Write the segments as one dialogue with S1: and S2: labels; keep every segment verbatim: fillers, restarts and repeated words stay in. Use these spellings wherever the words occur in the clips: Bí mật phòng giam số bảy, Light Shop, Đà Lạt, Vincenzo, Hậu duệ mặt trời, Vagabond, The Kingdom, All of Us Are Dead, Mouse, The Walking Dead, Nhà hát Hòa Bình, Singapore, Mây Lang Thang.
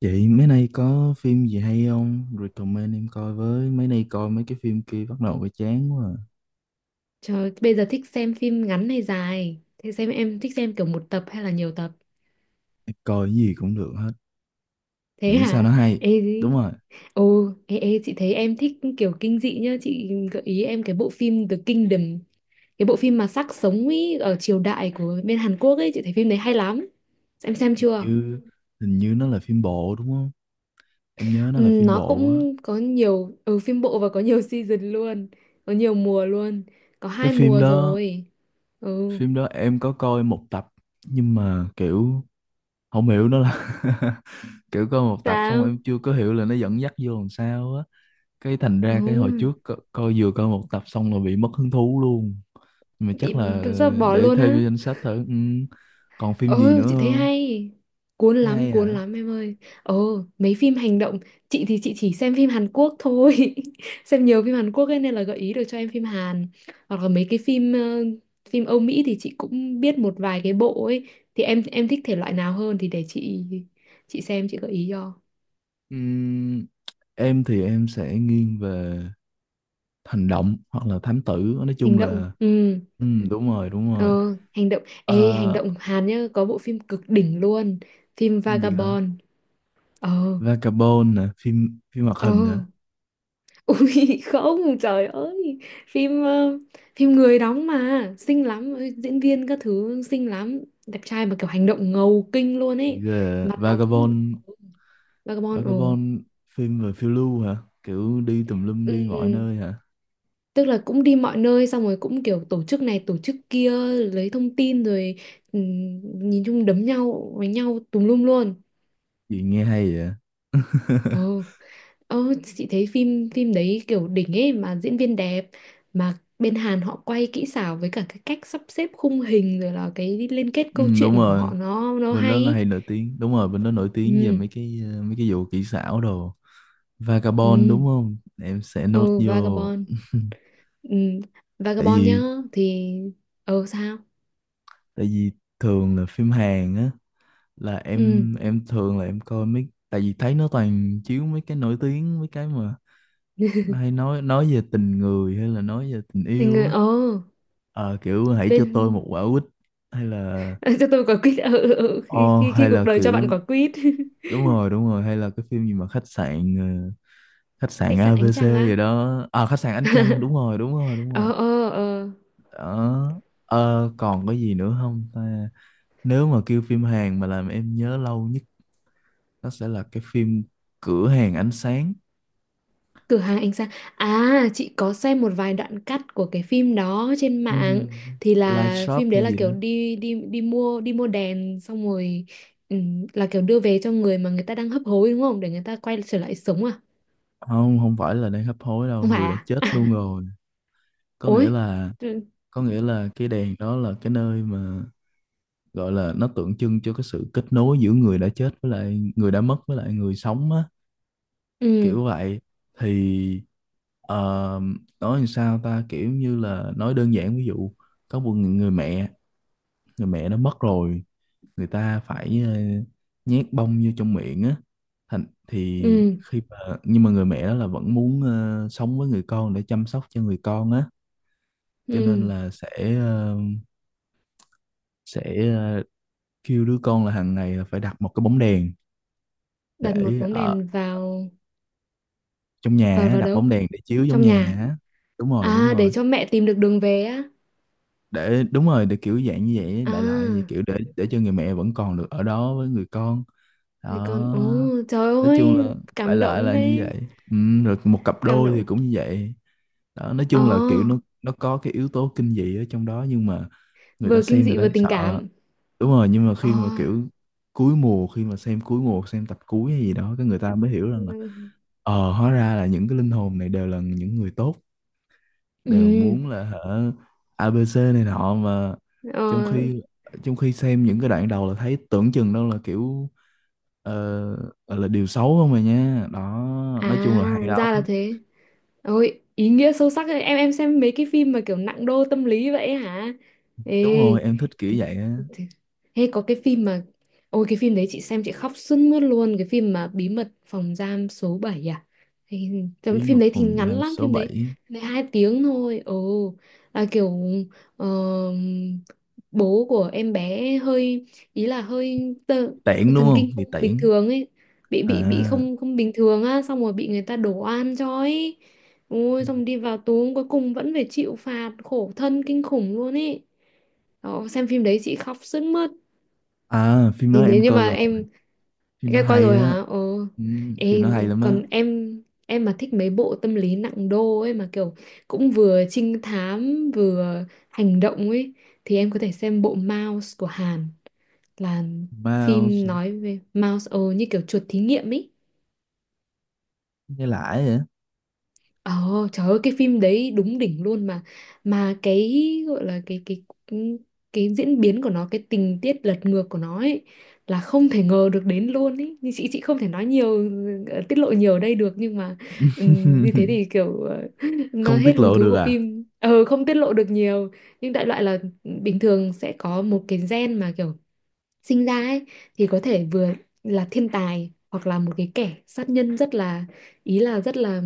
S1: Chị mấy nay có phim gì hay không? Recommend em coi với. Mấy nay coi mấy cái phim kia bắt đầu bị chán quá. À.
S2: Trời, bây giờ thích xem phim ngắn hay dài? Thế xem em thích xem kiểu một tập hay là nhiều tập?
S1: Em coi cái gì cũng được hết.
S2: Thế
S1: Miễn sao
S2: hả?
S1: nó hay.
S2: Ê,
S1: Đúng
S2: gì?
S1: rồi.
S2: ồ, ê, ê, chị thấy em thích kiểu kinh dị nhá. Chị gợi ý em cái bộ phim The Kingdom. Cái bộ phim mà xác sống ý, ở triều đại của bên Hàn Quốc ấy. Chị thấy phim đấy hay lắm. Em xem chưa?
S1: Như Hình như nó là phim bộ đúng không? Em nhớ nó
S2: Ừ,
S1: là phim
S2: nó
S1: bộ á.
S2: cũng có nhiều, ừ, phim bộ và có nhiều season luôn. Có nhiều mùa luôn. Có
S1: Cái
S2: hai
S1: phim
S2: mùa
S1: đó,
S2: rồi. Ừ,
S1: phim đó em có coi một tập, nhưng mà kiểu không hiểu nó là kiểu coi một tập xong em
S2: sao?
S1: chưa có hiểu là nó dẫn dắt vô làm sao á. cái thành ra cái hồi
S2: Ừ,
S1: trước co coi vừa coi một tập xong là bị mất hứng thú luôn. Nhưng mà
S2: bị
S1: chắc là
S2: do bỏ
S1: để
S2: luôn
S1: thêm
S2: á.
S1: vô danh sách thử, ừ. Còn phim gì
S2: Ừ,
S1: nữa
S2: chị thấy
S1: không?
S2: hay. Cuốn
S1: Thấy
S2: lắm,
S1: hay hả?
S2: cuốn lắm em ơi. Ồ, mấy phim hành động. Chị thì chị chỉ xem phim Hàn Quốc thôi xem nhiều phim Hàn Quốc ấy nên là gợi ý được cho em phim Hàn. Hoặc là mấy cái phim ờ, phim Âu Mỹ thì chị cũng biết một vài cái bộ ấy. Thì em em thích thể loại nào hơn? Thì để chị chị xem chị gợi ý cho.
S1: Ừ. em thì em sẽ nghiêng về hành động hoặc là thám tử, nói chung
S2: Hành động,
S1: là
S2: ừ.
S1: ừ, đúng rồi đúng
S2: Ờ,
S1: rồi.
S2: hành động. Ê, hành
S1: Ờ,
S2: động Hàn nhá. Có bộ phim cực đỉnh luôn. Phim
S1: phim gì cả.
S2: Vagabond. Ờ.
S1: Vagabond nè, phim phim hoạt
S2: Ờ.
S1: hình hả?
S2: Ui không, trời ơi, phim ờ, phim người đóng mà xinh lắm, ôi, diễn viên các thứ xinh lắm, đẹp trai mà kiểu hành động ngầu kinh luôn
S1: Gì
S2: ấy.
S1: ghê à?
S2: Mặt đóng
S1: Vagabond.
S2: Vagabond, ồ.
S1: Vagabond phim về phiêu lưu hả? Kiểu đi tùm lum đi mọi
S2: Ừm,
S1: nơi hả?
S2: tức là cũng đi mọi nơi xong rồi cũng kiểu tổ chức này tổ chức kia, lấy thông tin rồi, ừm, nhìn chung đấm nhau với nhau tùm lum luôn.
S1: Gì nghe hay vậy.
S2: Ờ. Ờ, chị thấy phim phim đấy kiểu đỉnh ấy, mà diễn viên đẹp, mà bên Hàn họ quay kỹ xảo với cả cái cách sắp xếp khung hình rồi là cái liên kết
S1: Ừ,
S2: câu
S1: đúng
S2: chuyện của họ
S1: rồi,
S2: nó nó
S1: bên
S2: hay
S1: đó là
S2: ý.
S1: hay nổi tiếng, đúng rồi, bên đó nổi tiếng về
S2: Ừ.
S1: mấy cái ờ, mấy cái vụ kỹ xảo đồ. Vagabond
S2: Ừ.
S1: đúng không? Em sẽ nốt
S2: Ờ
S1: vô.
S2: Vagabond, ừ,
S1: tại
S2: Vagabond nhá.
S1: vì
S2: Thì ờ sao?
S1: tại vì thường là phim Hàn á, là
S2: Ừ.
S1: em em thường là em coi mấy, tại vì thấy nó toàn chiếu mấy cái nổi tiếng, mấy cái mà nó hay nói nói về tình người hay là nói về tình
S2: Thì
S1: yêu
S2: người
S1: á.
S2: ờ
S1: Ờ, kiểu hãy cho tôi một
S2: bên.
S1: quả quýt, hay là
S2: Cho tôi quả quýt, ờ, ờ, ờ, khi,
S1: o
S2: khi khi
S1: hay
S2: cuộc
S1: là
S2: đời cho bạn
S1: kiểu
S2: quả quýt.
S1: đúng rồi đúng rồi, hay là cái phim gì mà khách sạn ờ, khách sạn
S2: Khách sạn ánh trăng
S1: a bê xê gì
S2: á.
S1: đó, à khách sạn Ánh Trăng đúng rồi đúng rồi đúng rồi
S2: ờ ờ ờ
S1: đó. Ờ, còn có gì nữa không ta. Nếu mà kêu phim Hàn mà làm em nhớ lâu nhất, nó sẽ là cái phim Cửa hàng ánh sáng.
S2: Cửa hàng ánh sáng. À, chị có xem một vài đoạn cắt của cái phim đó trên mạng,
S1: Ừm,
S2: thì
S1: Light
S2: là
S1: Shop
S2: phim đấy
S1: hay
S2: là
S1: gì đó.
S2: kiểu đi đi đi mua đi mua đèn xong rồi ừm, là kiểu đưa về cho người mà người ta đang hấp hối đúng không? Để người ta quay trở lại sống à?
S1: Không, không phải là đang hấp hối đâu,
S2: Không phải
S1: người đã
S2: à?
S1: chết luôn
S2: À,
S1: rồi. có nghĩa
S2: ối.
S1: là
S2: Ừ,
S1: có nghĩa là cái đèn đó là cái nơi mà gọi là, nó tượng trưng cho cái sự kết nối giữa người đã chết với lại người đã mất với lại người sống á,
S2: ừ,
S1: kiểu vậy. Thì ờ, nói làm sao ta, kiểu như là nói đơn giản, ví dụ có một người, người mẹ, người mẹ nó mất rồi, người ta phải ờ, nhét bông vô trong miệng á. Thành thì
S2: ừ.
S1: khi mà Nhưng mà người mẹ đó là vẫn muốn ờ, sống với người con để chăm sóc cho người con á, cho nên
S2: Ừ.
S1: là sẽ ờ, sẽ ờ, kêu đứa con là hàng ngày là phải đặt một cái bóng đèn
S2: Đặt một
S1: để
S2: bóng
S1: ở
S2: đèn vào.
S1: trong nhà
S2: vào
S1: á,
S2: vào
S1: đặt bóng
S2: đâu?
S1: đèn để chiếu trong
S2: Trong
S1: nhà
S2: nhà.
S1: á. Đúng rồi đúng
S2: À, để
S1: rồi,
S2: cho mẹ tìm được đường về á.
S1: để đúng rồi, để kiểu dạng như vậy,
S2: À,
S1: đại loại vậy, kiểu để để cho người mẹ vẫn còn được ở đó với người con, đó.
S2: thì con. Ồ, trời
S1: Nói chung
S2: ơi,
S1: là đại
S2: cảm
S1: loại
S2: động
S1: là như
S2: đấy.
S1: vậy, ừ, rồi một cặp
S2: Cảm
S1: đôi thì
S2: động.
S1: cũng như vậy đó. Nói
S2: Ồ.
S1: chung là kiểu nó nó có cái yếu tố kinh dị ở trong đó nhưng mà người ta
S2: Vừa kinh
S1: xem người
S2: dị
S1: ta
S2: vừa
S1: thấy
S2: tình
S1: sợ,
S2: cảm.
S1: đúng rồi. Nhưng mà
S2: Ồ.
S1: khi mà kiểu cuối mùa khi mà xem cuối mùa, xem tập cuối hay gì đó, cái người ta mới hiểu rằng là ờ hóa ra là những cái linh hồn này đều là những người tốt, đều
S2: Ừ.
S1: muốn là hả, a bê xê này nọ mà.
S2: Ờ.
S1: Trong khi trong khi xem những cái đoạn đầu là thấy tưởng chừng đâu là kiểu ờ, gọi là điều xấu không mà nha, đó.
S2: À,
S1: Nói chung là hay lắm.
S2: ra là thế. Ôi, ý nghĩa sâu sắc ấy. Em em xem mấy cái phim mà kiểu nặng đô tâm lý vậy hả? Ê,
S1: Đúng rồi, em thích kiểu
S2: th-
S1: vậy á.
S2: th- hay có cái phim mà, ôi cái phim đấy chị xem chị khóc sướt mướt luôn. Cái phim mà Bí mật phòng giam số bảy à? Hay- trong
S1: Bí
S2: phim
S1: mật
S2: đấy thì
S1: phòng
S2: ngắn
S1: giam
S2: lắm,
S1: số
S2: phim đấy,
S1: bảy,
S2: phim đấy hai tiếng thôi. Ồ, là kiểu ờ, bố của em bé hơi, ý là hơi tơ,
S1: tiễn đúng
S2: thần
S1: không,
S2: kinh
S1: thì
S2: không bình
S1: tiễn
S2: thường ấy, bị
S1: à.
S2: bị bị không không bình thường á, xong rồi bị người ta đổ oan cho ấy,
S1: Ừ.
S2: ôi xong đi vào tù cuối cùng vẫn phải chịu phạt, khổ thân kinh khủng luôn ấy. Đó, xem phim đấy chị khóc sướt mướt.
S1: À, phim đó
S2: Thì nếu
S1: em
S2: như
S1: coi
S2: mà
S1: rồi,
S2: em
S1: phim nó
S2: em coi
S1: hay
S2: rồi
S1: á,
S2: hả? Ờ.
S1: ừ, phim
S2: Ê,
S1: nó hay lắm á.
S2: còn em em mà thích mấy bộ tâm lý nặng đô ấy mà kiểu cũng vừa trinh thám vừa hành động ấy, thì em có thể xem bộ Mouse của Hàn, là
S1: Wow
S2: phim
S1: sao
S2: nói về Mouse, ờ như kiểu chuột thí nghiệm ấy.
S1: nghe lãi vậy.
S2: Ờ, trời ơi cái phim đấy đúng đỉnh luôn. mà mà cái gọi là cái cái ừ, cái diễn biến của nó, cái tình tiết lật ngược của nó ấy, là không thể ngờ được đến luôn ấy. Nhưng chị chị không thể nói nhiều, ờ, tiết lộ nhiều ở đây được, nhưng mà ừm, như thế thì kiểu ờ, nó
S1: Không
S2: hết
S1: tiết
S2: hứng
S1: lộ
S2: thú
S1: được
S2: của
S1: à.
S2: phim, ờ không tiết lộ được nhiều. Nhưng đại loại là bình thường sẽ có một cái gen mà kiểu sinh ra ấy, thì có thể vừa là thiên tài hoặc là một cái kẻ sát nhân rất là, ý là rất là,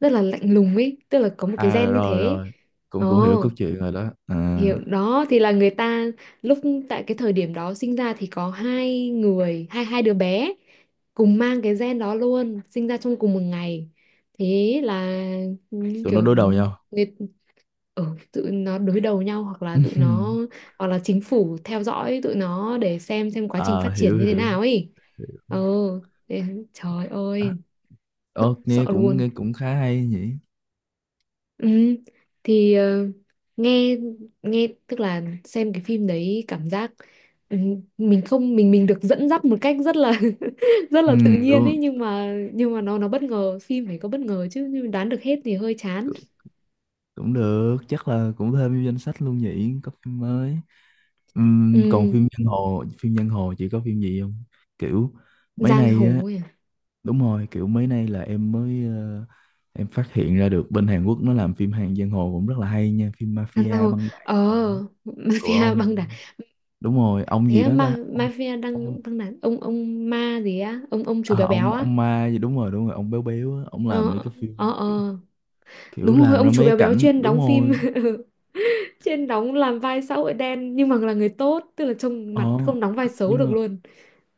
S2: rất là lạnh lùng ấy, tức là có một cái
S1: À
S2: gen như
S1: rồi
S2: thế.
S1: rồi, cũng cũng hiểu cốt
S2: Ồ,
S1: truyện rồi đó à.
S2: hiểu đó, thì là người ta lúc, tại cái thời điểm đó sinh ra thì có hai người, hai hai đứa bé cùng mang cái gen đó luôn, sinh ra trong cùng một ngày. Thế là, ừ,
S1: Tụi nó
S2: kiểu
S1: đối đầu nhau.
S2: người, ừ, tụi nó đối đầu nhau, hoặc là tụi nó, hoặc là chính phủ theo dõi tụi nó để xem xem quá trình
S1: Ờ,
S2: phát triển
S1: hiểu
S2: như thế
S1: hiểu.
S2: nào ấy. Ừ. thế- Trời
S1: À,
S2: ơi,
S1: ờ,
S2: sợ
S1: nghe cũng
S2: luôn.
S1: nghe cũng khá hay nhỉ.
S2: ừ, thì ờ, nghe, nghe tức là xem cái phim đấy cảm giác ừ, mình không, mình mình được dẫn dắt một cách rất là rất
S1: Ừ,
S2: là tự nhiên
S1: luôn
S2: ấy, nhưng mà nhưng mà nó nó bất ngờ, phim phải có bất ngờ chứ, nhưng mà đoán được hết thì hơi chán.
S1: cũng, cũng được, chắc là cũng thêm vô danh sách luôn nhỉ, có phim mới. Ừm, còn
S2: Ừ,
S1: phim giang hồ, phim giang hồ chị có phim gì không? Kiểu mấy
S2: giang
S1: nay á,
S2: hồ ấy à?
S1: đúng rồi, kiểu mấy nay là em mới ờ, em phát hiện ra được bên Hàn Quốc nó làm phim hàng giang hồ cũng rất là hay nha, phim
S2: À, giang
S1: mafia
S2: hồ,
S1: băng đảng
S2: ờ.
S1: rồi đó của
S2: Mafia
S1: ông.
S2: băng đảng.
S1: Đúng rồi, ông
S2: Thế
S1: gì
S2: á,
S1: đó
S2: ma
S1: ta? Ông
S2: mafia
S1: ông
S2: đang đang là ông ông ma gì á, ông ông chú
S1: à,
S2: béo béo
S1: ông
S2: á.
S1: ông ma gì đúng rồi, đúng rồi, ông béo béo á, ông làm
S2: Ờ,
S1: mấy cái phim,
S2: ờ, ờ.
S1: kiểu
S2: Đúng rồi,
S1: làm
S2: ông
S1: ra
S2: chú
S1: mấy cái
S2: béo béo
S1: cảnh
S2: chuyên
S1: đúng
S2: đóng phim
S1: rồi.
S2: chuyên đóng làm vai xã hội đen nhưng mà là người tốt, tức là trông
S1: ờ
S2: mặt không đóng vai xấu
S1: nhưng
S2: được
S1: mà
S2: luôn.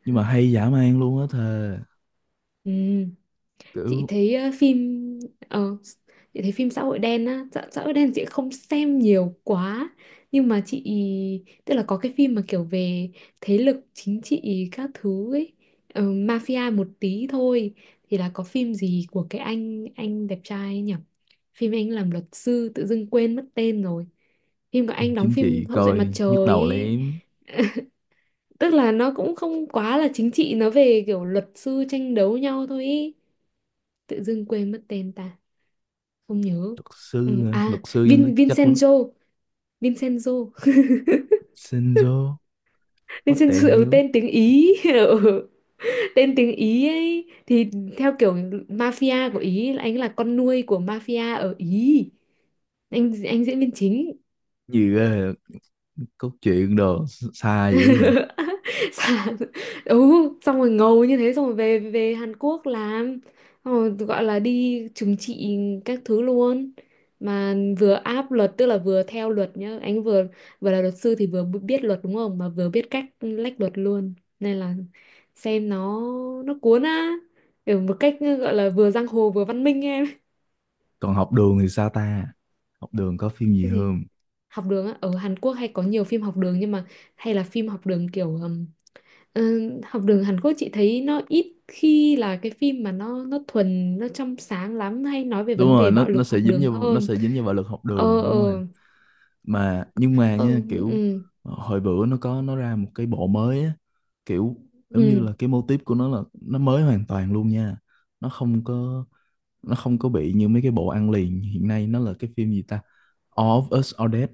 S1: nhưng mà hay dã man luôn á thề.
S2: Ừm. Chị
S1: Kiểu
S2: thấy ờ, phim ờ, chị thấy phim xã hội đen á, xã, xã hội đen chị không xem nhiều quá, nhưng mà chị, tức là có cái phim mà kiểu về thế lực chính trị các thứ ấy, ờ, mafia một tí thôi, thì là có phim gì của cái anh, anh đẹp trai ấy nhỉ? Phim anh làm luật sư tự dưng quên mất tên rồi. Phim của
S1: phim
S2: anh đóng,
S1: chính
S2: phim
S1: trị
S2: Hậu duệ mặt
S1: coi nhức
S2: trời
S1: đầu
S2: ấy.
S1: lắm.
S2: Tức là nó cũng không quá là chính trị, nó về kiểu luật sư tranh đấu nhau thôi ý. Tự dưng quên mất tên ta, không nhớ.
S1: Luật
S2: Ừ,
S1: sư hả? Luật
S2: à
S1: sư cho nó
S2: Vin
S1: chắc lắm.
S2: Vincenzo, Vincenzo.
S1: Shinzo. What the
S2: Vincenzo, ừ,
S1: hell?
S2: tên tiếng Ý. Ừ, tên tiếng Ý ấy, thì theo kiểu mafia của Ý, là anh là con nuôi của mafia ở Ý, anh anh diễn viên chính.
S1: Gì ghê vậy? Cốt truyện đồ xa dữ rồi.
S2: Sàn. Ừ, xong rồi ngầu như thế xong rồi về về Hàn Quốc làm, xong rồi gọi là đi trừng trị các thứ luôn, mà vừa áp luật, tức là vừa theo luật nhá, anh vừa vừa là luật sư thì vừa biết luật đúng không, mà vừa biết cách lách luật luôn, nên là xem nó nó cuốn á, kiểu một cách gọi là vừa giang hồ vừa văn minh em.
S1: Còn học đường thì sao ta, học đường có phim gì
S2: Cái gì?
S1: không?
S2: Học đường á, ở Hàn Quốc hay có nhiều phim học đường nhưng mà hay là phim học đường kiểu, ờ, học đường Hàn Quốc chị thấy nó ít khi là cái phim mà nó nó thuần, nó trong sáng lắm, hay nói về
S1: Đúng
S2: vấn
S1: rồi,
S2: đề
S1: nó
S2: bạo
S1: nó
S2: lực
S1: sẽ
S2: học
S1: dính
S2: đường
S1: vô nó
S2: hơn.
S1: sẽ dính vô bạo lực học
S2: Ờ,
S1: đường đúng rồi.
S2: ờ.
S1: Mà nhưng mà nha,
S2: Còn,
S1: kiểu
S2: ừ,
S1: ờ, hồi bữa nó có nó ra một cái bộ mới á, kiểu giống như
S2: ừ.
S1: là cái mô típ của nó là nó mới hoàn toàn luôn nha. Nó không có nó không có bị như mấy cái bộ ăn liền hiện nay, nó là cái phim gì ta. All of Us Are Dead.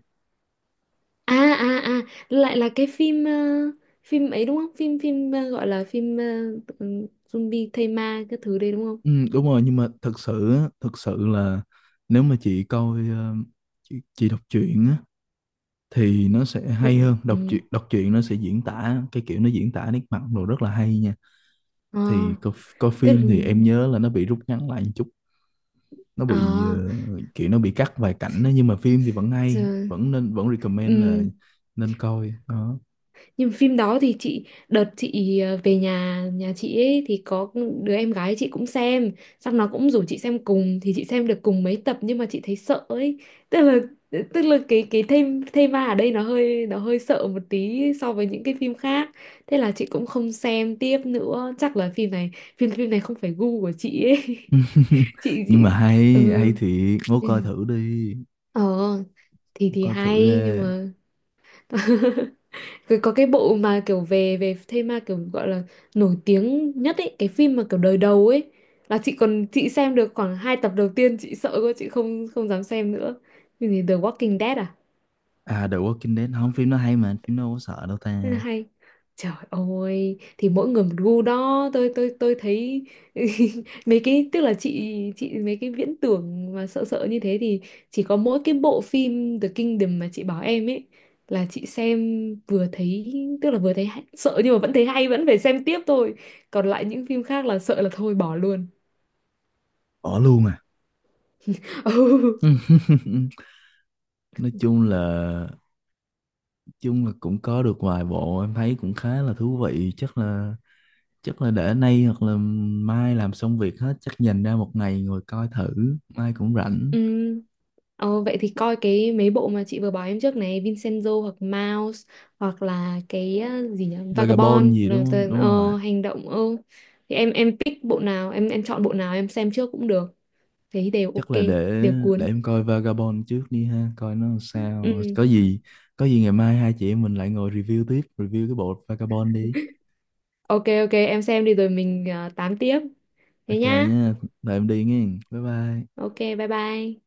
S2: À, à, à, lại là cái phim ờ, phim ấy đúng không, phim phim ờ, gọi là phim ờ, ừ, zombie thây ma cái thứ đấy đúng không?
S1: Ừ, đúng rồi, nhưng mà thật sự á, thật sự là nếu mà chị coi ờ, chị, chị đọc truyện á, thì nó sẽ
S2: Ừ,
S1: hay hơn đọc
S2: ừ.
S1: truyện. Đọc truyện nó sẽ diễn tả cái kiểu nó diễn tả nét mặt đồ rất là hay nha.
S2: Ờ,
S1: Thì coi, coi,
S2: tức
S1: phim
S2: là
S1: thì em nhớ là nó bị rút ngắn lại một chút, nó
S2: ờ,
S1: bị ờ, kiểu nó bị cắt vài cảnh đó, nhưng mà phim thì vẫn hay,
S2: trời,
S1: vẫn nên, vẫn recommend là
S2: ừ.
S1: nên coi đó.
S2: Nhưng phim đó thì chị đợt chị ờ, về nhà, nhà chị ấy, thì có đứa em gái chị cũng xem, xong nó cũng rủ chị xem cùng, thì chị xem được cùng mấy tập nhưng mà chị thấy sợ ấy. Tức là, tức là cái cái thema, thema ở đây nó hơi, nó hơi sợ một tí so với những cái phim khác. Thế là chị cũng không xem tiếp nữa. Chắc là phim này, phim phim này không phải gu của chị ấy. Chị, chị
S1: Nhưng mà hay
S2: ừ.
S1: hay thì ngố
S2: Ừ.
S1: coi thử đi,
S2: Ờ, thì thì
S1: coi thử đi.
S2: hay nhưng mà rồi có cái bộ mà kiểu về về thế kiểu gọi là nổi tiếng nhất ấy, cái phim mà kiểu đời đầu ấy, là chị còn chị xem được khoảng hai tập đầu tiên, chị sợ quá, chị không không dám xem nữa. Cái gì, The Walking Dead à?
S1: À The Walking Dead không, phim nó hay mà, phim nó đâu có sợ đâu
S2: Thế là
S1: ta.
S2: hay, trời ơi thì mỗi người một gu đó, tôi tôi tôi thấy mấy cái, tức là chị chị mấy cái viễn tưởng mà sợ, sợ như thế thì chỉ có mỗi cái bộ phim The Kingdom mà chị bảo em ấy, là chị xem, vừa thấy, tức là vừa thấy hay- sợ nhưng mà vẫn thấy hay, vẫn phải xem tiếp thôi, còn lại những phim khác là sợ là thôi bỏ luôn.
S1: Bỏ luôn à. nói chung là chung là cũng có được vài bộ em thấy cũng khá là thú vị, chắc là chắc là để nay hoặc là mai làm xong việc hết, chắc dành ra một ngày ngồi coi thử, mai cũng rảnh.
S2: Ừ. Ờ, vậy thì coi cái mấy bộ mà chị vừa bảo em trước này, Vincenzo hoặc Mouse, hoặc là cái ờ, gì nhỉ,
S1: Vagabond
S2: Vagabond,
S1: gì
S2: rồi
S1: đúng không?
S2: tờ-
S1: Đúng rồi.
S2: ờ, hành động ờ. Thì em em pick bộ nào, em em chọn bộ nào em xem trước cũng được, thấy đều
S1: Chắc
S2: ok,
S1: là để
S2: đều
S1: để
S2: cuốn.
S1: em coi Vagabond trước đi ha, coi nó sao.
S2: Ừ.
S1: Có gì có gì ngày mai hai chị em mình lại ngồi review tiếp, review cái bộ Vagabond đi.
S2: Ok, ok, em xem đi rồi mình ờ, tám tiếp thế
S1: Ok
S2: nhá.
S1: nhá. Tụi em đi nghe. Bye bye.
S2: Ok, bye bye.